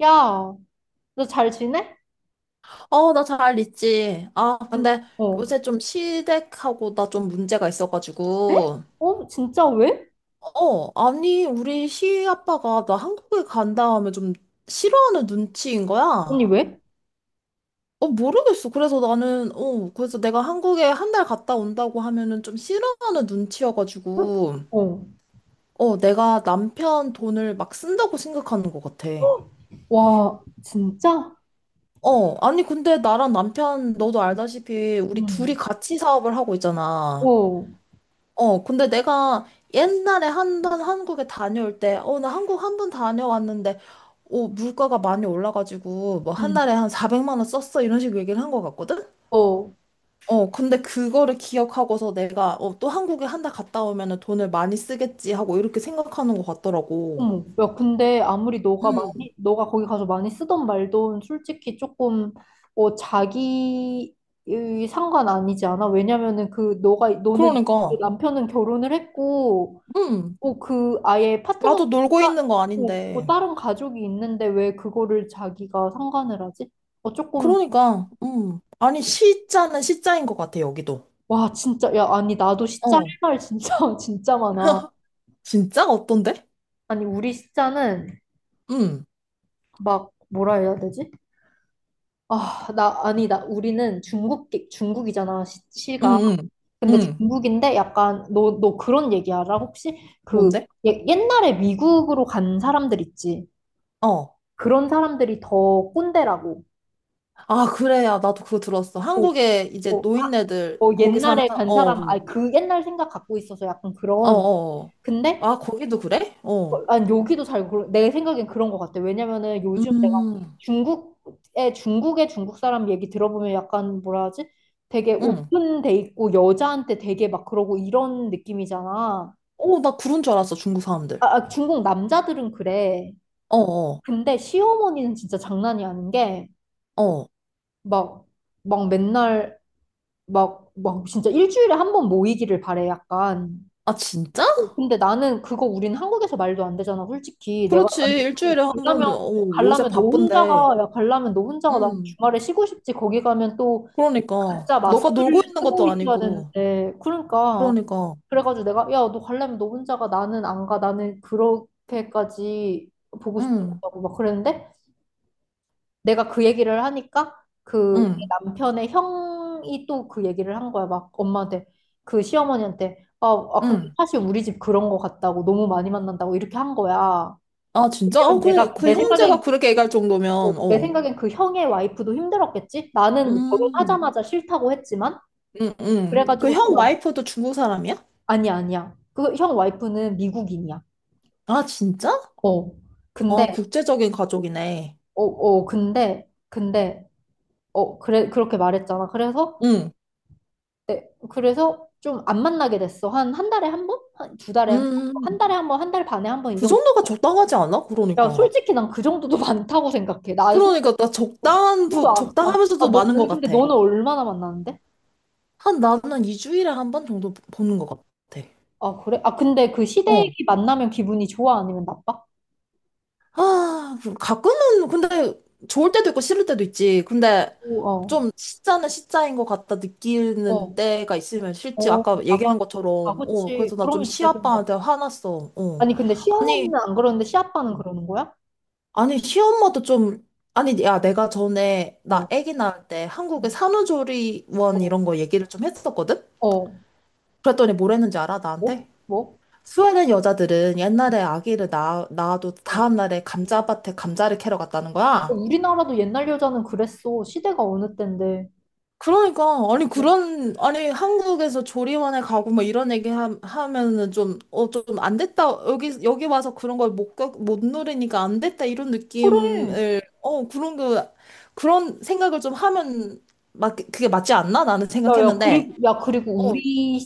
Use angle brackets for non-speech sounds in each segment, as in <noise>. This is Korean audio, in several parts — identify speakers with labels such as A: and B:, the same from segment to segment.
A: 야, 너 잘 지내?
B: 어, 나 잘 있지. 아,
A: 아니,
B: 근데
A: 어.
B: 요새 좀 시댁하고 나 좀 문제가
A: 에?
B: 있어가지고.
A: 어, 진짜 왜?
B: 어, 아니, 우리 시아빠가 나 한국에 간 다음에 좀 싫어하는 눈치인 거야.
A: 언니 왜?
B: 어, 모르겠어. 그래서 나는, 어, 그래서 내가 한국에 한 달 갔다 온다고 하면은 좀 싫어하는
A: 응?
B: 눈치여가지고.
A: 어.
B: 어, 내가 남편 돈을 막 쓴다고 생각하는 것 같아.
A: 헉! 와, 진짜?
B: 어, 아니, 근데 나랑 남편, 너도 알다시피 우리
A: 응.
B: 둘이 같이 사업을 하고 있잖아.
A: 어.
B: 어, 근데 내가 옛날에 한 번 한국에 다녀올 때, 나 한국 한 번 다녀왔는데, 어, 물가가 많이 올라가지고, 뭐, 한
A: 응.
B: 달에 한 400만 원 썼어. 이런 식으로 얘기를 한 것 같거든?
A: 어.
B: 어, 근데 그거를 기억하고서 내가, 어, 또 한국에 한 달 갔다 오면은 돈을 많이 쓰겠지 하고 이렇게 생각하는 것 같더라고.
A: 어머. 야, 근데 아무리
B: 음,
A: 너가 거기 가서 많이 쓰던 말도 솔직히 조금, 자기의 상관 아니지 않아? 왜냐면은 너는, 그
B: 그러니까,
A: 남편은 결혼을 했고,
B: 음,
A: 그 아예 파트너가
B: 나도 놀고
A: 따,
B: 있는 거
A: 어,
B: 아닌데.
A: 다른 가족이 있는데 왜 그거를 자기가 상관을 하지? 조금
B: 그러니까, 아니, 시자는 시자인 것 같아, 여기도.
A: 와, 진짜. 야, 아니, 나도 시짜 할
B: 어,
A: 말 진짜 <laughs> 진짜 많아.
B: <laughs> 진짜? 어떤데?
A: 아니, 우리 시자는
B: 음.
A: 막 뭐라 해야 되지? 아, 나, 아니, 나 우리는 중국이잖아 시,
B: 응,
A: 시가.
B: 응,
A: 근데
B: 응.
A: 중국인데 약간 너 그런 얘기 알아? 혹시 그
B: 뭔데?
A: 옛날에 미국으로 간 사람들 있지?
B: 어.
A: 그런 사람들이 더 꼰대라고.
B: 아, 그래야. 나도 그거 들었어.
A: 어,
B: 한국에 이제
A: 어, 아,
B: 노인네들, 거기 사는
A: 옛날에
B: 사람,
A: 간 사람, 그 옛날 생각 갖고 있어서 약간
B: 어.
A: 그런.
B: 어.
A: 근데,
B: 아, 거기도 그래? 어.
A: 난 여기도 그르내 생각엔 그런 것 같아. 왜냐면은 요즘 내가
B: 음,
A: 중국의 중국 사람 얘기 들어보면 약간 뭐라 하지? 되게
B: 응.
A: 오픈돼 있고 여자한테 되게 막 그러고 이런 느낌이잖아.
B: 어, 나 그런 줄 알았어, 중국 사람들.
A: 아, 아, 중국 남자들은 그래.
B: 어, 어,
A: 근데 시어머니는 진짜 장난이 아닌 게,
B: 어.
A: 막, 막 맨날, 막, 막 진짜 일주일에 한 번 모이기를 바래, 약간.
B: 아, 진짜?
A: 근데 나는 그거 우린 한국에서 말도 안 되잖아, 솔직히. 내가,
B: 그렇지.
A: 아니, 그
B: 일주일에 한 번,
A: 갈라면,
B: 어, 요새 바쁜데.
A: 갈라면 너 혼자가 난
B: 음,
A: 주말에 쉬고 싶지. 거기 가면 또
B: 그러니까.
A: 가짜
B: 너가
A: 마스크를
B: 놀고 있는
A: 쓰고
B: 것도
A: 있어야
B: 아니고.
A: 되는데. 그러니까.
B: 그러니까.
A: 그래가지고 내가, 야, 너 갈라면 너 혼자가 나는 안 가. 나는 그렇게까지 보고
B: 응,
A: 싶다고 막 그랬는데, 내가 그 얘기를 하니까 그내
B: 응,
A: 남편의 형이 또 그 얘기를 한 거야. 막 엄마한테 그 시어머니한테 아, 아 근데
B: 응.
A: 사실 우리 집 그런 거 같다고 너무 많이 만난다고 이렇게 한 거야.
B: 아, 진짜? 어,
A: 왜냐면
B: 근데
A: 내가
B: 그
A: 내
B: 형제가
A: 생각엔
B: 그렇게 얘기할 정도면,
A: 내
B: 어.
A: 생각엔 그 형의 와이프도 힘들었겠지? 나는
B: 음,
A: 결혼하자마자 싫다고 했지만
B: 응. 그
A: 그래가지고 또
B: 형 와이프도 중국 사람이야?
A: 아니야, 아니야. 그 형 와이프는 미국인이야.
B: 아, 진짜?
A: 어.
B: 아,
A: 근데
B: 국제적인 가족이네.
A: 근데 어, 그래, 그렇게 말했잖아. 그래서
B: 응.
A: 네, 그래서 좀 안 만나게 됐어. 한 달에 한 번? 한 두 달에
B: 음,
A: 한 번?
B: 음,
A: 한
B: 음.
A: 달에 한 번, 한 달 반에 한 번 이
B: 그
A: 정도.
B: 정도가 적당하지 않아?
A: 야,
B: 그러니까.
A: 솔직히 난 그 정도도 <laughs> 많다고 생각해. 나 솔직히
B: 그러니까 나 적당한
A: 그도
B: 부,
A: 안, 아,
B: 적당하면서도
A: 너,
B: 많은 것
A: 아니, 근데
B: 같아.
A: 너는 얼마나 만나는데?
B: 한 나는 2주일에 한 번 정도 보는 것 같아.
A: 아, 그래? 아, 근데 그
B: 어,
A: 시댁이 만나면 기분이 좋아? 아니면 나빠?
B: 아, 가끔은 근데 좋을 때도 있고 싫을 때도 있지. 근데
A: 오, 어,
B: 좀 시자는 시자인 것 같다 느끼는
A: 어,
B: 때가 있으면 싫지.
A: 어.
B: 아까
A: 아,
B: 얘기한
A: 그치. 아,
B: 것처럼. 어,
A: 그치.
B: 그래서 나 좀
A: 그러면 진짜 기분 나빠.
B: 시아빠한테 화났어. 어.
A: 아니, 근데
B: 아니,
A: 시어머니는 안 그러는데 시아빠는 그러는 거야?
B: 아니, 시엄마도 좀, 아니, 야, 내가 전에
A: 어,
B: 나 아기 낳을 때 한국의 산후조리원
A: 어,
B: 이런 거 얘기를 좀 했었거든?
A: 어,
B: 그랬더니 뭘 했는지 알아,
A: 뭐?
B: 나한테?
A: 뭐?
B: 스웨덴 여자들은 옛날에 아기를 낳아도
A: 어?
B: 다음날에 감자밭에 감자를 캐러 갔다는 거야.
A: 우리나라도 옛날 여자는 그랬어. 시대가 어느 때인데.
B: 그러니까 아니
A: 야,
B: 그런 아니 한국에서 조리원에 가고 뭐 이런 얘기 하면은 좀 어 좀 안 됐다 여기 와서 그런 걸 못못 누리니까 안 됐다 이런
A: 그래.
B: 느낌을 어 그런 거 그런 생각을 좀 하면 맞 그게 맞지 않나 나는
A: 야, 야,
B: 생각했는데
A: 그리고 우리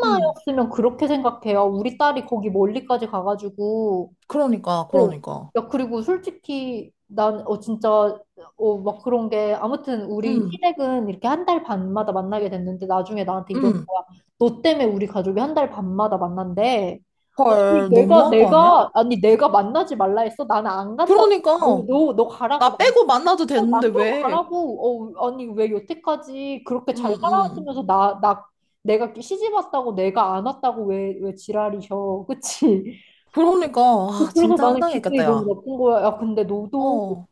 B: 어음
A: 그렇게 생각해요. 우리 딸이 거기 멀리까지 가가지고. 어,
B: 그러니까
A: 야, 그리고 솔직히 난, 진짜, 막 그런 게, 아무튼 우리 시댁은 이렇게 한 달 반마다 만나게 됐는데 나중에 나한테 이러는
B: 음음헐
A: 거야. 너 때문에 우리 가족이 한 달 반마다 만난대. 아니, 내가,
B: 너무한 거 아니야?
A: 내가, 아니, 내가 만나지 말라 했어? 나는 안 간다. 너,
B: 그러니까
A: 너, 너 가라고.
B: 나 빼고 만나도 되는데
A: 남편
B: 왜
A: 가라고. 아니, 왜 여태까지 그렇게
B: 음
A: 잘
B: 음
A: 살아왔으면서 나, 내가 시집 왔다고 내가 안 왔다고 왜 지랄이셔. 그치?
B: 그러니까
A: <laughs>
B: 아
A: 그래서
B: 진짜
A: 나는 기분이
B: 황당했겠다
A: 너무
B: 야.
A: 나쁜 거야. 야, 근데 너도
B: 어.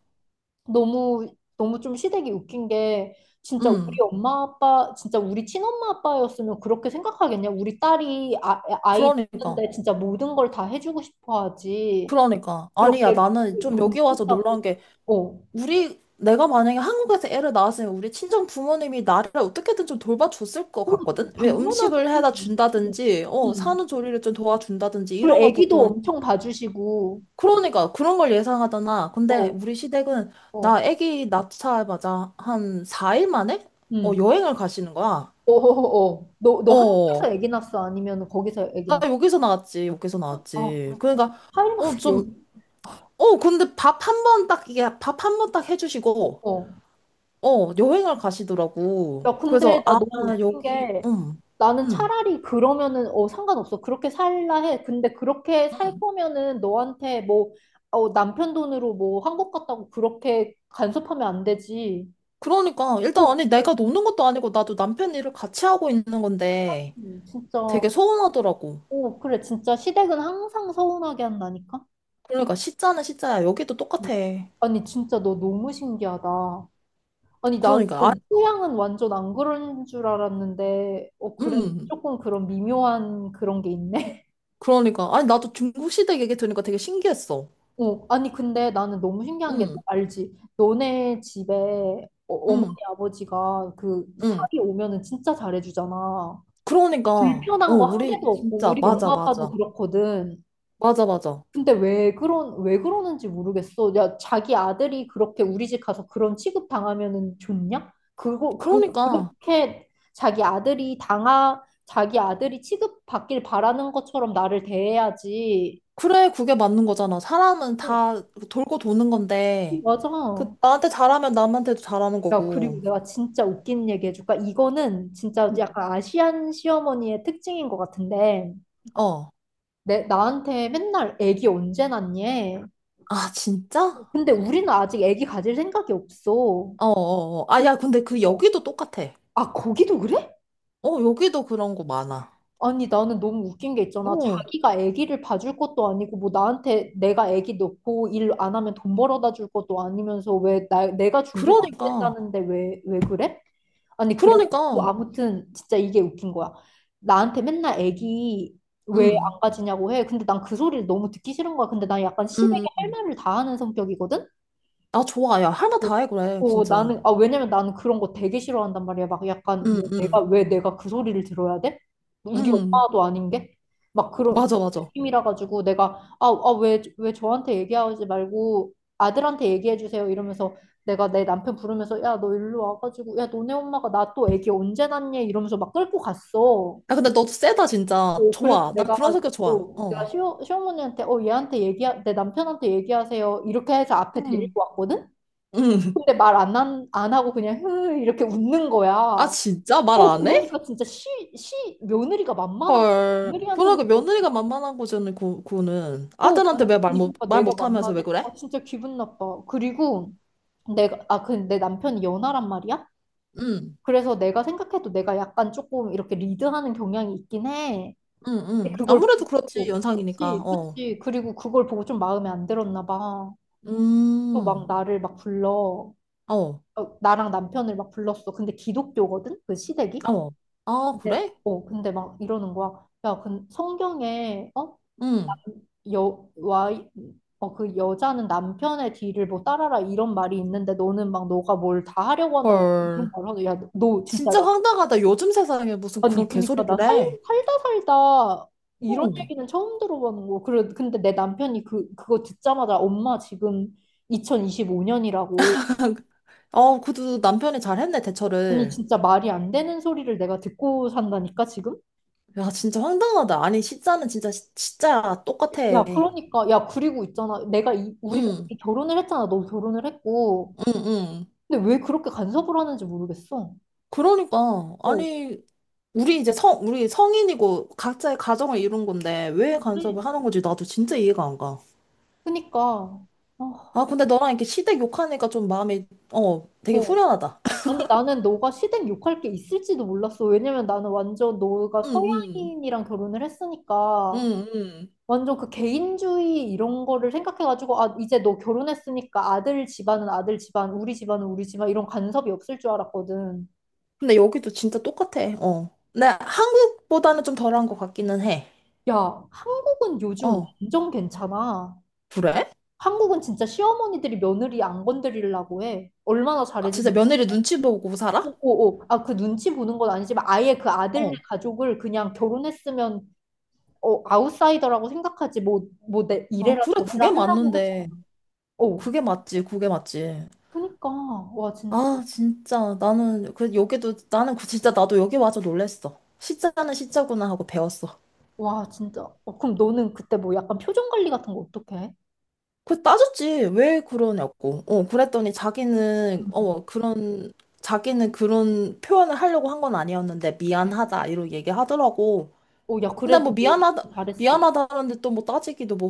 A: 너무, 너무 좀 시댁이 웃긴 게
B: 음,
A: 진짜 우리 친엄마 아빠였으면 그렇게 생각하겠냐? 우리 딸이 아이
B: 그러니까,
A: 낳는데 진짜 모든 걸 다 해주고 싶어 하지.
B: 그러니까. 아니야,
A: 그렇게 막
B: 나는 좀
A: 돈
B: 여기 와서
A: 쓴다고.
B: 놀라운 게,
A: 어.
B: 내가 만약에 한국에서 애를 낳았으면 우리 친정 부모님이 나를 어떻게든 좀 돌봐줬을 것
A: 어,
B: 같거든? 왜 음식을 해다
A: 당연하지.
B: 준다든지, 어,
A: 음.
B: 산후조리를 좀 도와준다든지,
A: 그리고
B: 이런 걸
A: 애기도
B: 보통,
A: 엄청 봐주시고,
B: 그러니까, 그런 걸 예상하잖아. 근데
A: 어,
B: 우리 시댁은,
A: 어,
B: 나 애기 낳자마자 한 4일 만에, 어,
A: 음.
B: 여행을 가시는 거야.
A: 어, 어, 어. 너
B: 어.
A: 한국에서 애기 낳았어? 아니면 거기서 애기
B: 나
A: 낳았어?
B: 여기서 여기서
A: 아,
B: 나왔지.
A: 그래?
B: 그러니까, 어,
A: 타일란드 여기?
B: 좀, 어, 근데 밥 한 번 딱, 이게 밥 한 번 딱 해주시고,
A: 어.
B: 어, 여행을 가시더라고.
A: 야, 근데
B: 그래서,
A: 나
B: 아,
A: 너무 웃긴
B: 여기,
A: 게 나는
B: 음.
A: 차라리 그러면은 상관없어. 그렇게 살라 해. 근데 그렇게 살 거면은 너한테 뭐, 남편 돈으로 뭐 한국 갔다고 그렇게 간섭하면 안 되지.
B: 그러니까,
A: 어,
B: 일단,
A: 어,
B: 아니, 내가 노는 것도 아니고, 나도
A: 어.
B: 남편 일을 같이 하고 있는 건데,
A: 진짜.
B: 되게 서운하더라고.
A: 오, 그래. 진짜 시댁은 항상 서운하게 한다니까?
B: 그러니까, 시자는 시자야. 여기도
A: 음.
B: 똑같아.
A: 아니, 진짜 너 너무 신기하다. 아니, 나는
B: 그러니까, 아,
A: 소양은 완전 안 그런 줄 알았는데, 그래.
B: 음.
A: 조금 그런 미묘한 그런 게 있네.
B: 그러니까, 아니, 나도 중국시댁 얘기 들으니까 되게 신기했어.
A: <laughs> 아니, 근데 나는 너무 신기한 게
B: 음,
A: 알지? 너네 집에 어머니,
B: 음,
A: 아버지가 그
B: 음.
A: 살이 오면은 진짜 잘해주잖아.
B: 그러니까, 어,
A: 불편한 거 한 개도
B: 우리,
A: 없고,
B: 진짜,
A: 우리 엄마 아빠도
B: 맞아.
A: 그렇거든.
B: 맞아.
A: 근데 왜 그러는지 모르겠어. 야, 자기 아들이 그렇게 우리 집 가서 그런 취급 당하면은 좋냐? 그거 그
B: 그러니까.
A: 그렇게 자기 아들이 취급받길 바라는 것처럼 나를 대해야지.
B: 그래, 그게 맞는 거잖아. 사람은
A: 어,
B: 다 돌고 도는 건데,
A: 맞아.
B: 그, 나한테 잘하면 남한테도 잘하는
A: 야, 그리고
B: 거고.
A: 내가 진짜 웃긴 얘기 해줄까? 이거는 진짜
B: 음.
A: 약간 아시안 시어머니의 특징인 것 같은데,
B: 어.
A: 나한테 맨날 애기 언제 낳니?
B: 아, 진짜?
A: 근데 우리는 아직 애기 가질 생각이 없어.
B: 어. 아, 야, 근데 그 여기도 똑같아.
A: 아, 거기도 그래?
B: 어, 여기도 그런 거 많아.
A: 아니, 나는 너무 웃긴 게 있잖아.
B: 어,
A: 자기가 아기를 봐줄 것도 아니고, 뭐, 나한테 내가 아기 넣고 일 안 하면 돈 벌어다 줄 것도 아니면서 왜 내가 준비가 안
B: 그러니까.
A: 됐다는데 왜 그래? 아니, 그래.
B: 그러니까.
A: 아무튼, 진짜 이게 웃긴 거야. 나한테 맨날 아기 왜
B: 음,
A: 안 가지냐고 해. 근데 난 그 소리를 너무 듣기 싫은 거야. 근데 난 약간 시댁에
B: 음.
A: 할 말을 다 하는 성격이거든?
B: 아, 좋아. 야, 할 말
A: 어,
B: 다 해, 그래, 진짜.
A: 왜냐면 나는 그런 거 되게 싫어한단 말이야. 막 약간,
B: 음,
A: 뭐
B: 음,
A: 왜 내가 그 소리를 들어야 돼? 우리
B: 음.
A: 엄마도 아닌 게? 막 그런
B: 맞아.
A: 느낌이라 가지고 내가, 왜 저한테 얘기하지 말고 아들한테 얘기해 주세요. 이러면서 내가 내 남편 부르면서, 야, 너 일로 와가지고, 야, 너네 엄마가 나 또 애기 언제 낳니? 이러면서 막 끌고 갔어.
B: 야, 근데 너도 세다, 진짜.
A: 그래서
B: 좋아. 나
A: 내가,
B: 그런 성격 좋아. 어.
A: 시어머니한테, 얘한테 얘기 내 남편한테 얘기하세요. 이렇게 해서 앞에
B: 음,
A: 데리고 왔거든?
B: 음.
A: 근데 말 안 하고 그냥 흐 이렇게 웃는 거야.
B: 아, 진짜? 말 안 해?
A: 그러니까 진짜 시, 시 며느리가 만만한 거
B: 헐.
A: 며느리한테만
B: 그러니까
A: 그러는
B: 며느리가 만만한 거잖아, 그, 그거는.
A: 거 아니,
B: 아들한테 왜 말
A: 아니,
B: 못,
A: 그러니까
B: 말
A: 내가
B: 못하면서 왜
A: 만만해?
B: 그래?
A: 아, 진짜 기분 나빠. 그리고 내가 아 그 내 남편이 연하란 말이야.
B: 응,
A: 그래서 내가 생각해도 내가 약간 조금 이렇게 리드하는 경향이 있긴 해. 근데
B: 응.
A: 그걸
B: 아무래도 그렇지,
A: 보고,
B: 연상이니까.
A: 그치,
B: 어.
A: 그치, 그리고 그걸 보고 좀 마음에 안 들었나 봐. 또 막
B: 음,
A: 나를 막 불러
B: 어,
A: 나랑 남편을 막 불렀어. 근데 기독교거든 그 시댁이.
B: 어. 아,
A: 근데,
B: 그래?
A: 어, 근데 막 이러는 거야. 야, 근 성경에, 어?
B: 응.
A: 와, 그 여자는 남편의 뒤를 뭐 따라라 이런 말이 있는데 너는 막 너가 뭘 다 하려고 한다고 이런
B: 헐.
A: 말을 하고, 야, 너 진짜
B: 진짜
A: 나,
B: 황당하다. 요즘 세상에 무슨
A: 아니,
B: 그런
A: 그니까
B: 개소리를
A: 나
B: 해.
A: 살다 살다 이런
B: 응.
A: 얘기는 처음 들어보는 거. 그래, 근데 내 남편이 그거 듣자마자 엄마 지금 2025년이라고.
B: 어, 그래도 남편이 잘했네,
A: 아니,
B: 대처를.
A: 진짜 말이 안 되는 소리를 내가 듣고 산다니까, 지금?
B: 야, 진짜 황당하다. 아니, 진짜 똑같아.
A: 야, 그러니까, 야, 그리고 있잖아. 우리가
B: 응,
A: 이 결혼을 했잖아. 너 결혼을 했고.
B: 응.
A: 근데 왜 그렇게 간섭을 하는지 모르겠어.
B: 그러니까.
A: 어,
B: 아니, 우리 성인이고 각자의 가정을 이룬 건데
A: 어,
B: 왜
A: 그래.
B: 간섭을 하는 건지 나도 진짜 이해가 안 가.
A: 그니까. 아,
B: 아, 근데 너랑 이렇게 시댁 욕하니까 좀 마음이, 어, 되게
A: 어.
B: 후련하다. <laughs>
A: 아니, 나는 너가 시댁 욕할 게 있을지도 몰랐어. 왜냐면 나는 완전 너가
B: 응, 응,
A: 서양인이랑 결혼을 했으니까.
B: 응.
A: 완전 그 개인주의 이런 거를 생각해가지고, 아, 이제 너 결혼했으니까 아들 집안은 아들 집안, 우리 집안은 우리 집안, 이런 간섭이 없을 줄 알았거든.
B: 근데 여기도 진짜 똑같아, 어. 근데 한국보다는 좀 덜한 것 같기는 해.
A: 야, 한국은 요즘
B: 어,
A: 완전 괜찮아.
B: 그래?
A: 한국은 진짜 시어머니들이 며느리 안 건드리려고 해. 얼마나
B: 아, 진짜
A: 잘해주는지.
B: 며느리 눈치 보고
A: 오,
B: 살아?
A: 오, 오. 아, 그 눈치 보는 건 아니지만 아예 그 아들네
B: 어.
A: 가족을 그냥 결혼했으면 아웃사이더라고 생각하지. 뭐, 뭐, 내
B: 아,
A: 이래라
B: 그래,
A: 저래라
B: 그게
A: 하려고 하지
B: 맞는데.
A: 않아. 어,
B: 그게 맞지.
A: 그니까. 와, 진짜.
B: 아, 진짜. 나는, 그, 여기도, 나는 그, 진짜 나도 여기 와서 놀랬어. 시자는 시자구나 하고 배웠어.
A: 와, 진짜. 어, 그럼 너는 그때 뭐 약간 표정 관리 같은 거 어떻게 해?
B: 그 따졌지. 왜 그러냐고. 어, 그랬더니 자기는,
A: 음.
B: 어, 그런, 자기는 그런 표현을 하려고 한 건 아니었는데, 미안하다. 이러고 얘기하더라고.
A: 어, 야,
B: 근데 뭐,
A: 그래도 너 잘했어.
B: 미안하다는데 또 뭐 따지기도 뭐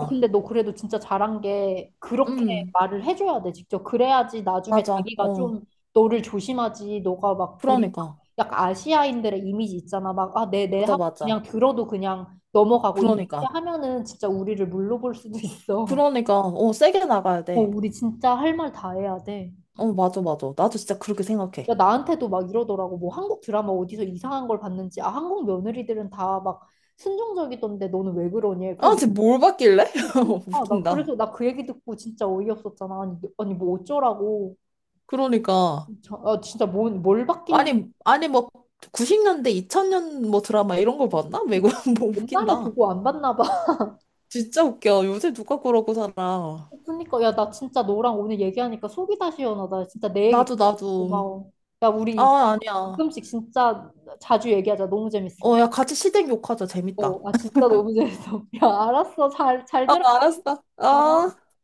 A: 아, 근데 너 그래도 진짜 잘한 게 그렇게
B: 음,
A: 말을 해줘야 돼, 직접. 그래야지 나중에
B: 맞아.
A: 자기가 좀
B: 어,
A: 너를 조심하지. 너가 막 우리
B: 그러니까.
A: 약간 아시아인들의 이미지 있잖아. 막, 아, 네, 네 하고
B: 맞아.
A: 그냥 들어도 그냥 넘어가고 이렇게
B: 그러니까.
A: 하면은 진짜 우리를 물러볼 수도 있어.
B: 그러니까, 어, 세게 나가야
A: 어,
B: 돼.
A: 우리 진짜 할 말 다 해야 돼.
B: 어, 맞아. 나도 진짜 그렇게
A: 야,
B: 생각해.
A: 나한테도 막 이러더라고. 뭐 한국 드라마 어디서 이상한 걸 봤는지. 아, 한국 며느리들은 다 막 순종적이던데 너는 왜 그러니?
B: 아,
A: 그리고
B: 쟤 뭘 봤길래? <laughs>
A: 아, 나
B: 웃긴다.
A: 그래서 나 그 얘기 듣고 진짜 어이없었잖아. 아니, 아니, 뭐 어쩌라고.
B: 그러니까.
A: 아, 진짜 뭘 받길래
B: 아니, 뭐, 90년대, 2000년 뭐 드라마 이런 걸 봤나? 매국 <laughs> 뭐
A: 옛날에
B: 웃긴다.
A: 보고 안 봤나 봐. <laughs>
B: 진짜 웃겨. 요새 누가 그러고 살아.
A: 그러니까 야, 나 진짜 너랑 오늘 얘기하니까 속이 다 시원하다. 진짜 내 얘기 듣고
B: 나도.
A: 고마워. 야, 우리 이제
B: 아, 아니야.
A: 가끔씩 진짜 자주 얘기하자. 너무 재밌어.
B: 어, 야, 같이 시댁 욕하자. 재밌다.
A: 아, 진짜 너무 재밌어. <laughs> 야, 알았어. 잘
B: 아,
A: 들어.
B: 알았어.
A: 아.
B: 아.